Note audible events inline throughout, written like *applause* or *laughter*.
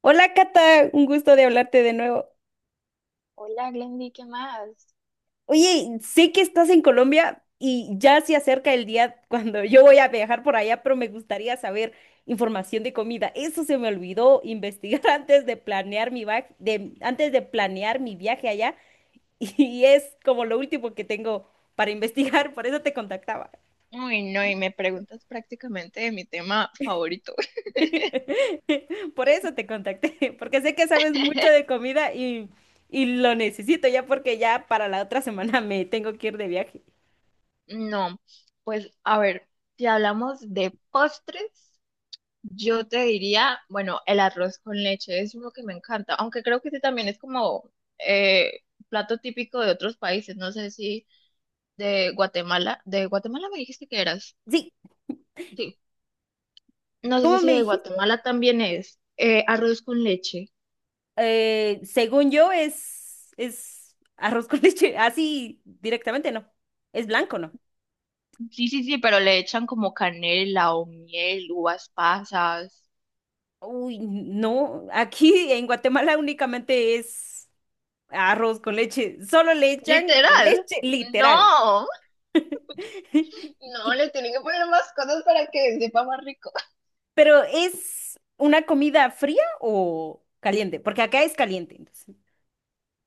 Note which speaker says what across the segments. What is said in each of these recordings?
Speaker 1: Hola Cata, un gusto de hablarte de nuevo.
Speaker 2: Hola, Glendy, ¿qué más?
Speaker 1: Oye, sé que estás en Colombia y ya se acerca el día cuando yo voy a viajar por allá, pero me gustaría saber información de comida. Eso se me olvidó investigar *laughs* antes de planear antes de planear mi viaje allá *laughs* y es como lo último que tengo para investigar, por eso te contactaba.
Speaker 2: Uy, no, y me preguntas prácticamente de mi tema favorito.
Speaker 1: *laughs* Por eso te contacté, *laughs* porque sé que sabes mucho de
Speaker 2: *laughs*
Speaker 1: comida y lo necesito ya porque ya para la otra semana *laughs* me tengo que ir de viaje.
Speaker 2: No, pues a ver, si hablamos de postres, yo te diría, bueno, el arroz con leche es uno que me encanta, aunque creo que ese también es como eh, plato típico de otros países, no sé si de Guatemala. De Guatemala me dijiste que eras,
Speaker 1: Sí.
Speaker 2: sí, no sé
Speaker 1: ¿Cómo
Speaker 2: si
Speaker 1: me
Speaker 2: de
Speaker 1: dijiste?
Speaker 2: Guatemala también es arroz con leche.
Speaker 1: Según yo es arroz con leche, *laughs* así directamente, ¿no? Es blanco, ¿no?
Speaker 2: Sí, sí, sí, pero le echan como canela o miel, uvas pasas.
Speaker 1: Uy, no, aquí en Guatemala únicamente es arroz con leche, solo le echan la
Speaker 2: Literal.
Speaker 1: leche literal.
Speaker 2: No,
Speaker 1: *laughs*
Speaker 2: no,
Speaker 1: Y-
Speaker 2: le tienen que poner más cosas para que sepa más rico.
Speaker 1: pero ¿es una comida fría o caliente? Porque acá es caliente, entonces.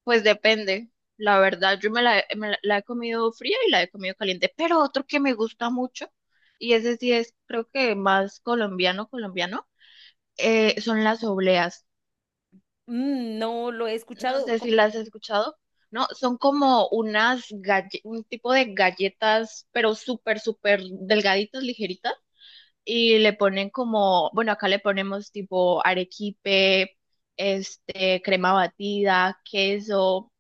Speaker 2: Pues depende. La verdad, yo me la he comido fría y la he comido caliente, pero otro que me gusta mucho, y ese sí es, creo que más colombiano, son las obleas.
Speaker 1: Mm. No lo he
Speaker 2: No
Speaker 1: escuchado.
Speaker 2: sé si las has escuchado. No, son como un tipo de galletas, pero súper, súper delgaditas, ligeritas. Y le ponen como, bueno, acá le ponemos tipo arequipe, este, crema batida, queso,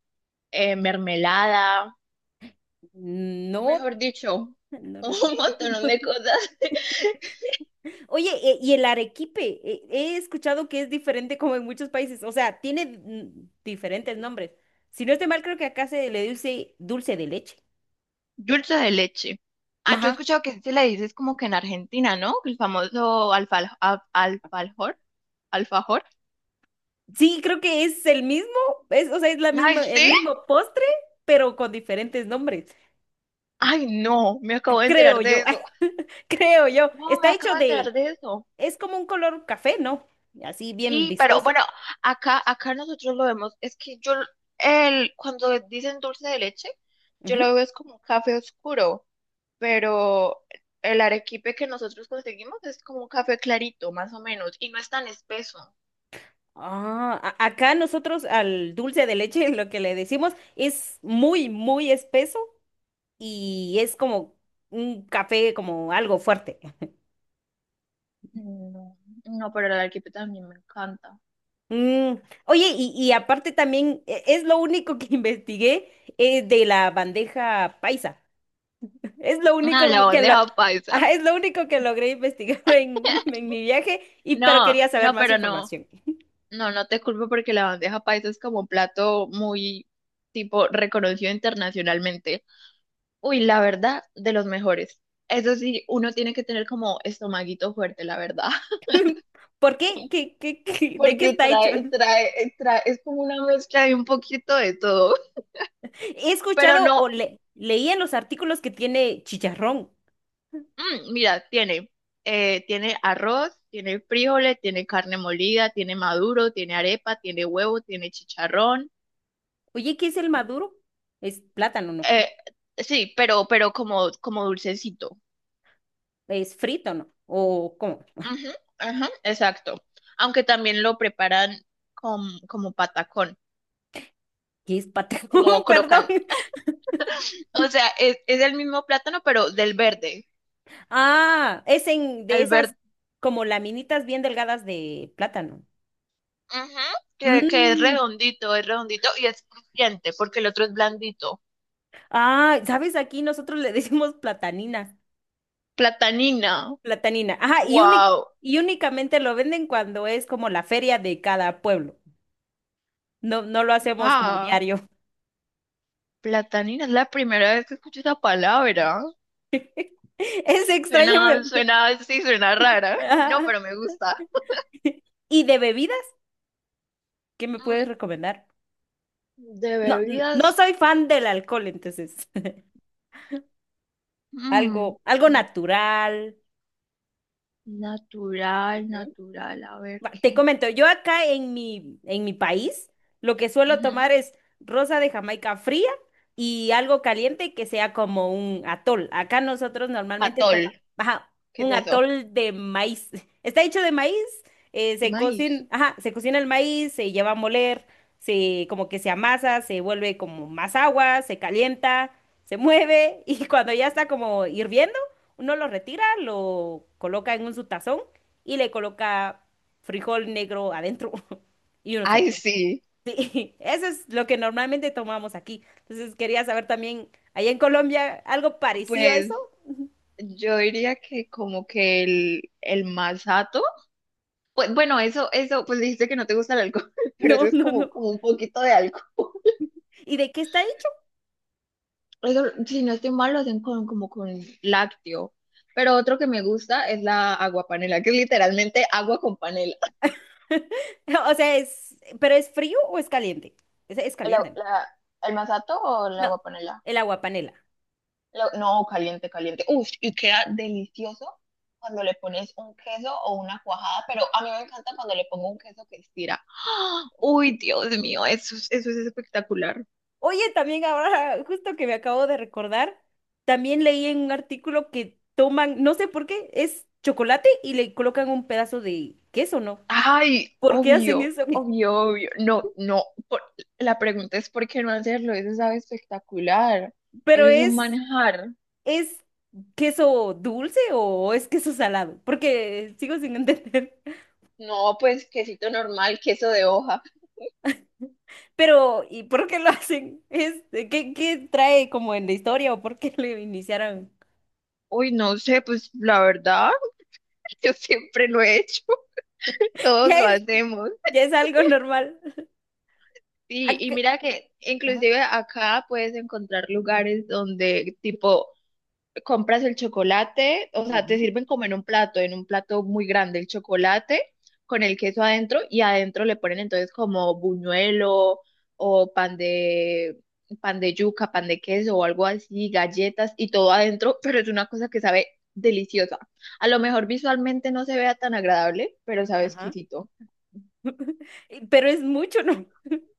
Speaker 2: mermelada,
Speaker 1: No,
Speaker 2: mejor dicho,
Speaker 1: no lo
Speaker 2: un
Speaker 1: he
Speaker 2: *laughs*
Speaker 1: escuchado.
Speaker 2: montón de
Speaker 1: *laughs*
Speaker 2: cosas.
Speaker 1: Oye, y el arequipe, he escuchado que es diferente como en muchos países, o sea, tiene diferentes nombres. Si no estoy mal, creo que acá se le dice dulce de leche.
Speaker 2: Dulce de leche. Ah, yo he
Speaker 1: Ajá.
Speaker 2: escuchado que se le dice es como que en Argentina, ¿no? El famoso alfajor, alfajor.
Speaker 1: Sí, creo que es el mismo, es, o sea, es la
Speaker 2: Ay,
Speaker 1: misma, el
Speaker 2: sí.
Speaker 1: mismo postre, pero con diferentes nombres.
Speaker 2: Ay, no, me acabo de
Speaker 1: Creo
Speaker 2: enterar de
Speaker 1: yo,
Speaker 2: eso.
Speaker 1: *laughs* creo yo.
Speaker 2: No, me
Speaker 1: Está
Speaker 2: acabo
Speaker 1: hecho
Speaker 2: de enterar
Speaker 1: de,
Speaker 2: de eso.
Speaker 1: es como un color café, ¿no? Así bien
Speaker 2: Sí, pero
Speaker 1: viscoso.
Speaker 2: bueno, acá, acá nosotros lo vemos, es que yo, el, cuando dicen dulce de leche, yo lo veo es como un café oscuro, pero el arequipe que nosotros conseguimos es como un café clarito, más o menos, y no es tan espeso.
Speaker 1: Ah, acá nosotros al dulce de leche *laughs* lo que le decimos es muy, muy espeso y es como un café, como algo fuerte.
Speaker 2: No, no, pero el arequipe también me encanta.
Speaker 1: Mm. Oye, y aparte también es lo único que *laughs* investigué de la bandeja paisa. Es lo
Speaker 2: Ah,
Speaker 1: único
Speaker 2: la
Speaker 1: que lo-
Speaker 2: bandeja paisa.
Speaker 1: Ajá, es lo único que logré investigar *laughs* en mi viaje, y pero
Speaker 2: No,
Speaker 1: quería saber
Speaker 2: no,
Speaker 1: más
Speaker 2: pero no,
Speaker 1: información.
Speaker 2: no, no te culpo porque la bandeja paisa es como un plato muy tipo reconocido internacionalmente. Uy, la verdad, de los mejores. Eso sí, uno tiene que tener como estomaguito fuerte, la verdad, *laughs*
Speaker 1: ¿Por qué? ¿Qué de qué
Speaker 2: porque
Speaker 1: está hecho?
Speaker 2: trae, es como una mezcla de un poquito de todo.
Speaker 1: He
Speaker 2: Pero
Speaker 1: escuchado
Speaker 2: no,
Speaker 1: leí en los artículos que tiene chicharrón.
Speaker 2: mira, tiene, tiene arroz, tiene frijoles, tiene carne molida, tiene maduro, tiene arepa, tiene huevo, tiene chicharrón.
Speaker 1: Oye, ¿qué es el maduro? ¿Es plátano, no?
Speaker 2: Eh, sí, pero como, como dulcecito.
Speaker 1: ¿Es frito, no? ¿O cómo?
Speaker 2: Ujú, ajá, exacto. Aunque también lo preparan con, como patacón.
Speaker 1: ¿Qué es patacón?
Speaker 2: como
Speaker 1: *laughs* Perdón.
Speaker 2: crocan- O sea, es el mismo plátano, pero del verde.
Speaker 1: Ah, es en de
Speaker 2: El
Speaker 1: esas
Speaker 2: verde,
Speaker 1: como laminitas bien delgadas de plátano.
Speaker 2: que
Speaker 1: Mm.
Speaker 2: es redondito y es crujiente, porque el otro es blandito.
Speaker 1: Ah, ¿sabes? Aquí nosotros le decimos platanina.
Speaker 2: Platanina.
Speaker 1: Platanina. Ajá,
Speaker 2: Wow.
Speaker 1: y únicamente lo venden cuando es como la feria de cada pueblo. No, no lo hacemos como
Speaker 2: Ah,
Speaker 1: diario.
Speaker 2: platanina es la primera vez que escucho esa palabra.
Speaker 1: *laughs* Es extraño,
Speaker 2: Suena,
Speaker 1: pero
Speaker 2: suena, sí, suena rara.
Speaker 1: *laughs*
Speaker 2: *laughs* No,
Speaker 1: ajá.
Speaker 2: pero me gusta.
Speaker 1: *laughs* ¿Y de bebidas? ¿Qué me
Speaker 2: Mm,
Speaker 1: puedes recomendar?
Speaker 2: De
Speaker 1: No, no
Speaker 2: bebidas.
Speaker 1: soy fan del alcohol, entonces, *laughs*
Speaker 2: mm,
Speaker 1: algo natural.
Speaker 2: Natural, natural. A ver
Speaker 1: Va. Te
Speaker 2: qué.
Speaker 1: comento, yo acá en mi país lo que suelo
Speaker 2: Ujú.
Speaker 1: tomar es rosa de Jamaica fría y algo caliente que sea como un atol. Acá nosotros normalmente
Speaker 2: Atol.
Speaker 1: tomamos, ajá,
Speaker 2: ¿Qué es
Speaker 1: un
Speaker 2: eso?
Speaker 1: atol de maíz. *laughs* Está hecho de maíz,
Speaker 2: De
Speaker 1: se
Speaker 2: maíz.
Speaker 1: cocina, ajá, se cocina el maíz, se lleva a moler, se como que se amasa, se vuelve como más agua, se calienta, se mueve *laughs* y cuando ya está como hirviendo, uno lo retira, lo coloca en un su tazón y le coloca frijol negro adentro *laughs* y uno se lo
Speaker 2: Ay,
Speaker 1: toma.
Speaker 2: sí.
Speaker 1: Sí, *laughs* eso es lo que normalmente tomamos aquí. Entonces quería saber también, ¿allá en Colombia algo parecido a eso?
Speaker 2: Pues
Speaker 1: *laughs*
Speaker 2: yo diría que como que el masato, pues bueno, eso, pues dijiste que no te gusta el alcohol, *laughs* pero eso
Speaker 1: No,
Speaker 2: es
Speaker 1: no,
Speaker 2: como,
Speaker 1: no.
Speaker 2: como un poquito de alcohol. *laughs*
Speaker 1: ¿Y de qué está hecho?
Speaker 2: Eso, si no estoy mal, lo hacen con, como con lácteo. Pero otro que me gusta es la aguapanela, que es literalmente agua con panela.
Speaker 1: *laughs* O sea, es, ¿pero es frío o es caliente? Es
Speaker 2: ¿El,
Speaker 1: caliente, ¿no?
Speaker 2: la- el masato o la
Speaker 1: No,
Speaker 2: aguapanela?
Speaker 1: el agua panela.
Speaker 2: Lo- no, caliente, caliente. Uf, y queda delicioso cuando le pones un queso o una cuajada, pero a mí me encanta cuando le pongo un queso que estira. *gasps* ¡Ah! Uy, Dios mío, eso es espectacular.
Speaker 1: Oye, también ahora, *laughs* justo que me acabo de recordar, también leí en un artículo que toman, no sé por qué, es chocolate y le colocan un pedazo de queso, ¿no?
Speaker 2: Ay,
Speaker 1: ¿Por qué hacen
Speaker 2: obvio,
Speaker 1: eso? *laughs*
Speaker 2: obvio, obvio. No, no, por- la pregunta es ¿por qué no hacerlo? Eso sabe espectacular.
Speaker 1: Pero
Speaker 2: Eso es un
Speaker 1: es,
Speaker 2: manjar.
Speaker 1: ¿es queso dulce o es queso salado? Porque sigo sin entender.
Speaker 2: No, pues quesito normal, queso de hoja.
Speaker 1: *laughs* Pero, ¿y por qué lo hacen? Es, ¿qué, qué trae como en la historia o por qué *laughs* lo iniciaron?
Speaker 2: Uy, no sé, pues la verdad, *laughs* yo siempre lo he hecho, *laughs* todos
Speaker 1: Ya
Speaker 2: lo
Speaker 1: es,
Speaker 2: hacemos.
Speaker 1: ya es algo normal.
Speaker 2: Sí, y
Speaker 1: Ac-
Speaker 2: mira que
Speaker 1: Ajá.
Speaker 2: inclusive acá puedes encontrar lugares donde tipo compras el chocolate, o sea, te
Speaker 1: Ujú.
Speaker 2: sirven como en un plato muy grande el chocolate con el queso adentro y adentro le ponen entonces como buñuelo o pan de yuca, pan de queso o algo así, galletas y todo adentro, pero es una cosa que sabe deliciosa. A lo mejor visualmente no se vea tan agradable, pero sabe
Speaker 1: Ajá.
Speaker 2: exquisito.
Speaker 1: *laughs* Pero es mucho, ¿no? *laughs*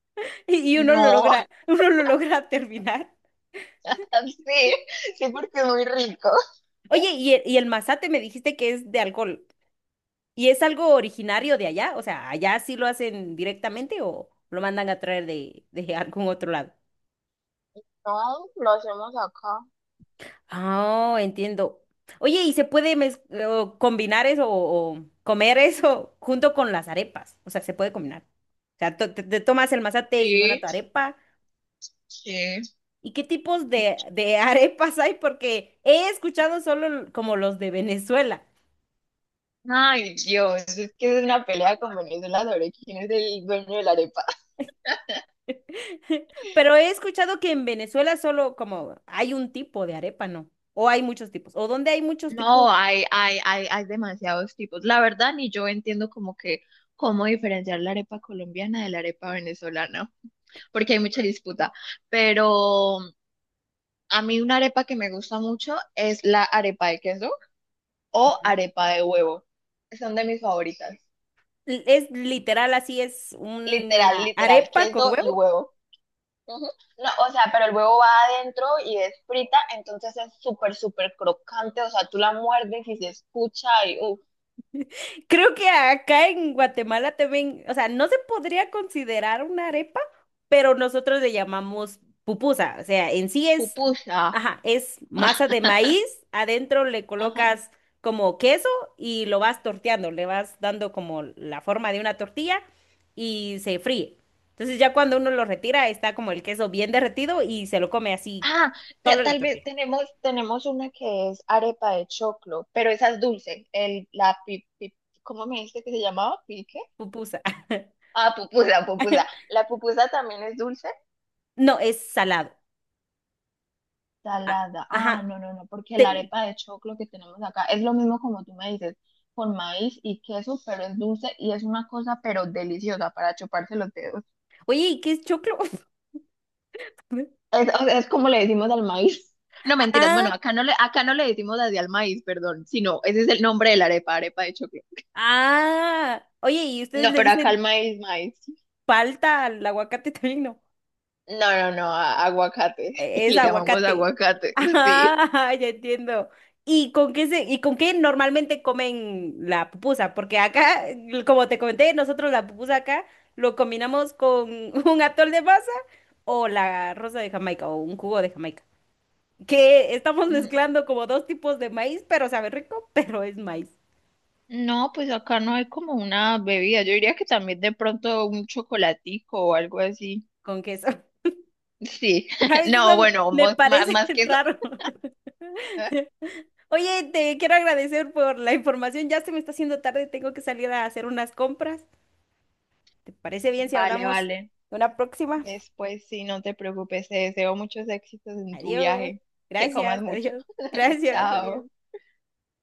Speaker 1: Y uno lo
Speaker 2: No,
Speaker 1: logra, *laughs* uno lo logra terminar.
Speaker 2: *laughs* sí, sí porque es muy rico.
Speaker 1: Oye, y el masate me dijiste que es de alcohol. ¿Y es algo originario de allá? O sea, ¿allá sí lo hacen directamente o lo mandan a traer de algún otro lado?
Speaker 2: No, lo hacemos acá.
Speaker 1: Oh, entiendo. Oye, ¿y se puede o combinar eso o comer eso junto con las arepas? O sea, se puede combinar. O sea, te tomas el mazate y una
Speaker 2: Sí,
Speaker 1: tu arepa.
Speaker 2: sí.
Speaker 1: ¿Y qué tipos de *laughs* arepas hay? Porque he escuchado como los de Venezuela.
Speaker 2: Ay, Dios, es que es una pelea con Venezuela sobre quién es el dueño de la arepa.
Speaker 1: *laughs* Pero he escuchado que en Venezuela solo como hay un tipo de arepa, ¿no? O hay muchos tipos. O donde hay muchos tipos.
Speaker 2: No, hay demasiados tipos. La verdad, ni yo entiendo como que cómo diferenciar la arepa colombiana de la arepa venezolana, porque hay mucha disputa. Pero a mí una arepa que me gusta mucho es la arepa de queso o
Speaker 1: Ujú.
Speaker 2: arepa de huevo. Son de mis favoritas.
Speaker 1: Es literal así, es
Speaker 2: Literal,
Speaker 1: una
Speaker 2: literal,
Speaker 1: arepa con
Speaker 2: queso y
Speaker 1: huevo.
Speaker 2: huevo. Ujú. No, o sea, pero el huevo va adentro y es frita, entonces es súper, súper crocante. O sea, tú la muerdes y se escucha y ¡uh!
Speaker 1: Creo que acá en Guatemala también, o sea, no se podría considerar una arepa, pero nosotros le llamamos pupusa. O sea, en sí es,
Speaker 2: Pupusa.
Speaker 1: ajá, es
Speaker 2: *laughs*
Speaker 1: masa de maíz, adentro le
Speaker 2: Ajá.
Speaker 1: colocas como queso y lo vas torteando, le vas dando como la forma de una tortilla y se fríe. Entonces ya cuando uno lo retira, está como el queso bien derretido y se lo come así,
Speaker 2: Ah, te-
Speaker 1: solo la
Speaker 2: tal vez
Speaker 1: tortilla.
Speaker 2: tenemos, tenemos una que es arepa de choclo, pero esa es dulce. El, ¿cómo me dijiste que se llamaba? ¿Pique?
Speaker 1: Pupusa.
Speaker 2: Ah, pupusa, pupusa.
Speaker 1: *laughs*
Speaker 2: La pupusa también es dulce.
Speaker 1: No, es salado. Ah,
Speaker 2: Salada. Ah,
Speaker 1: ajá.
Speaker 2: no, no, no, porque la
Speaker 1: Te-
Speaker 2: arepa de choclo que tenemos acá es lo mismo como tú me dices, con maíz y queso, pero es dulce y es una cosa, pero deliciosa para chuparse los dedos.
Speaker 1: Oye, ¿y qué es choclo? *laughs*
Speaker 2: Es, o sea, es como le decimos al maíz. *laughs* No, mentiras.
Speaker 1: Ah,
Speaker 2: Bueno, acá no le decimos así al maíz, perdón, sino ese es el nombre de la arepa, arepa de choclo.
Speaker 1: ah. Oye, ¿y ustedes
Speaker 2: No,
Speaker 1: le
Speaker 2: pero acá el
Speaker 1: dicen
Speaker 2: maíz, maíz.
Speaker 1: palta al aguacate también? No.
Speaker 2: No, no, no, aguacate. *laughs*
Speaker 1: Es
Speaker 2: Le llamamos
Speaker 1: aguacate.
Speaker 2: aguacate, *laughs* sí.
Speaker 1: Ah, *laughs* ya entiendo. ¿Y con qué y con qué normalmente comen la pupusa? Porque acá, como te comenté, nosotros la pupusa acá lo combinamos con *laughs* un atol de masa o la rosa de Jamaica o un jugo de Jamaica. Que estamos mezclando como dos tipos de maíz, pero sabe rico, *laughs* pero es maíz
Speaker 2: No, pues acá no hay como una bebida. Yo diría que también de pronto un chocolatico o algo así.
Speaker 1: con queso.
Speaker 2: Sí,
Speaker 1: A
Speaker 2: *laughs*
Speaker 1: veces no
Speaker 2: no, bueno,
Speaker 1: me
Speaker 2: más,
Speaker 1: parece
Speaker 2: más
Speaker 1: *laughs*
Speaker 2: que eso.
Speaker 1: raro.
Speaker 2: *laughs*
Speaker 1: Oye, te quiero agradecer por la información. Ya se me está haciendo tarde, tengo que salir a hacer unas compras. ¿Te parece bien si
Speaker 2: Vale,
Speaker 1: hablamos
Speaker 2: vale.
Speaker 1: de una próxima?
Speaker 2: Después sí, no te preocupes. Te deseo muchos éxitos en tu
Speaker 1: Adiós.
Speaker 2: viaje. Que
Speaker 1: Gracias,
Speaker 2: comas mucho.
Speaker 1: adiós.
Speaker 2: *laughs*
Speaker 1: Gracias,
Speaker 2: Chao.
Speaker 1: adiós.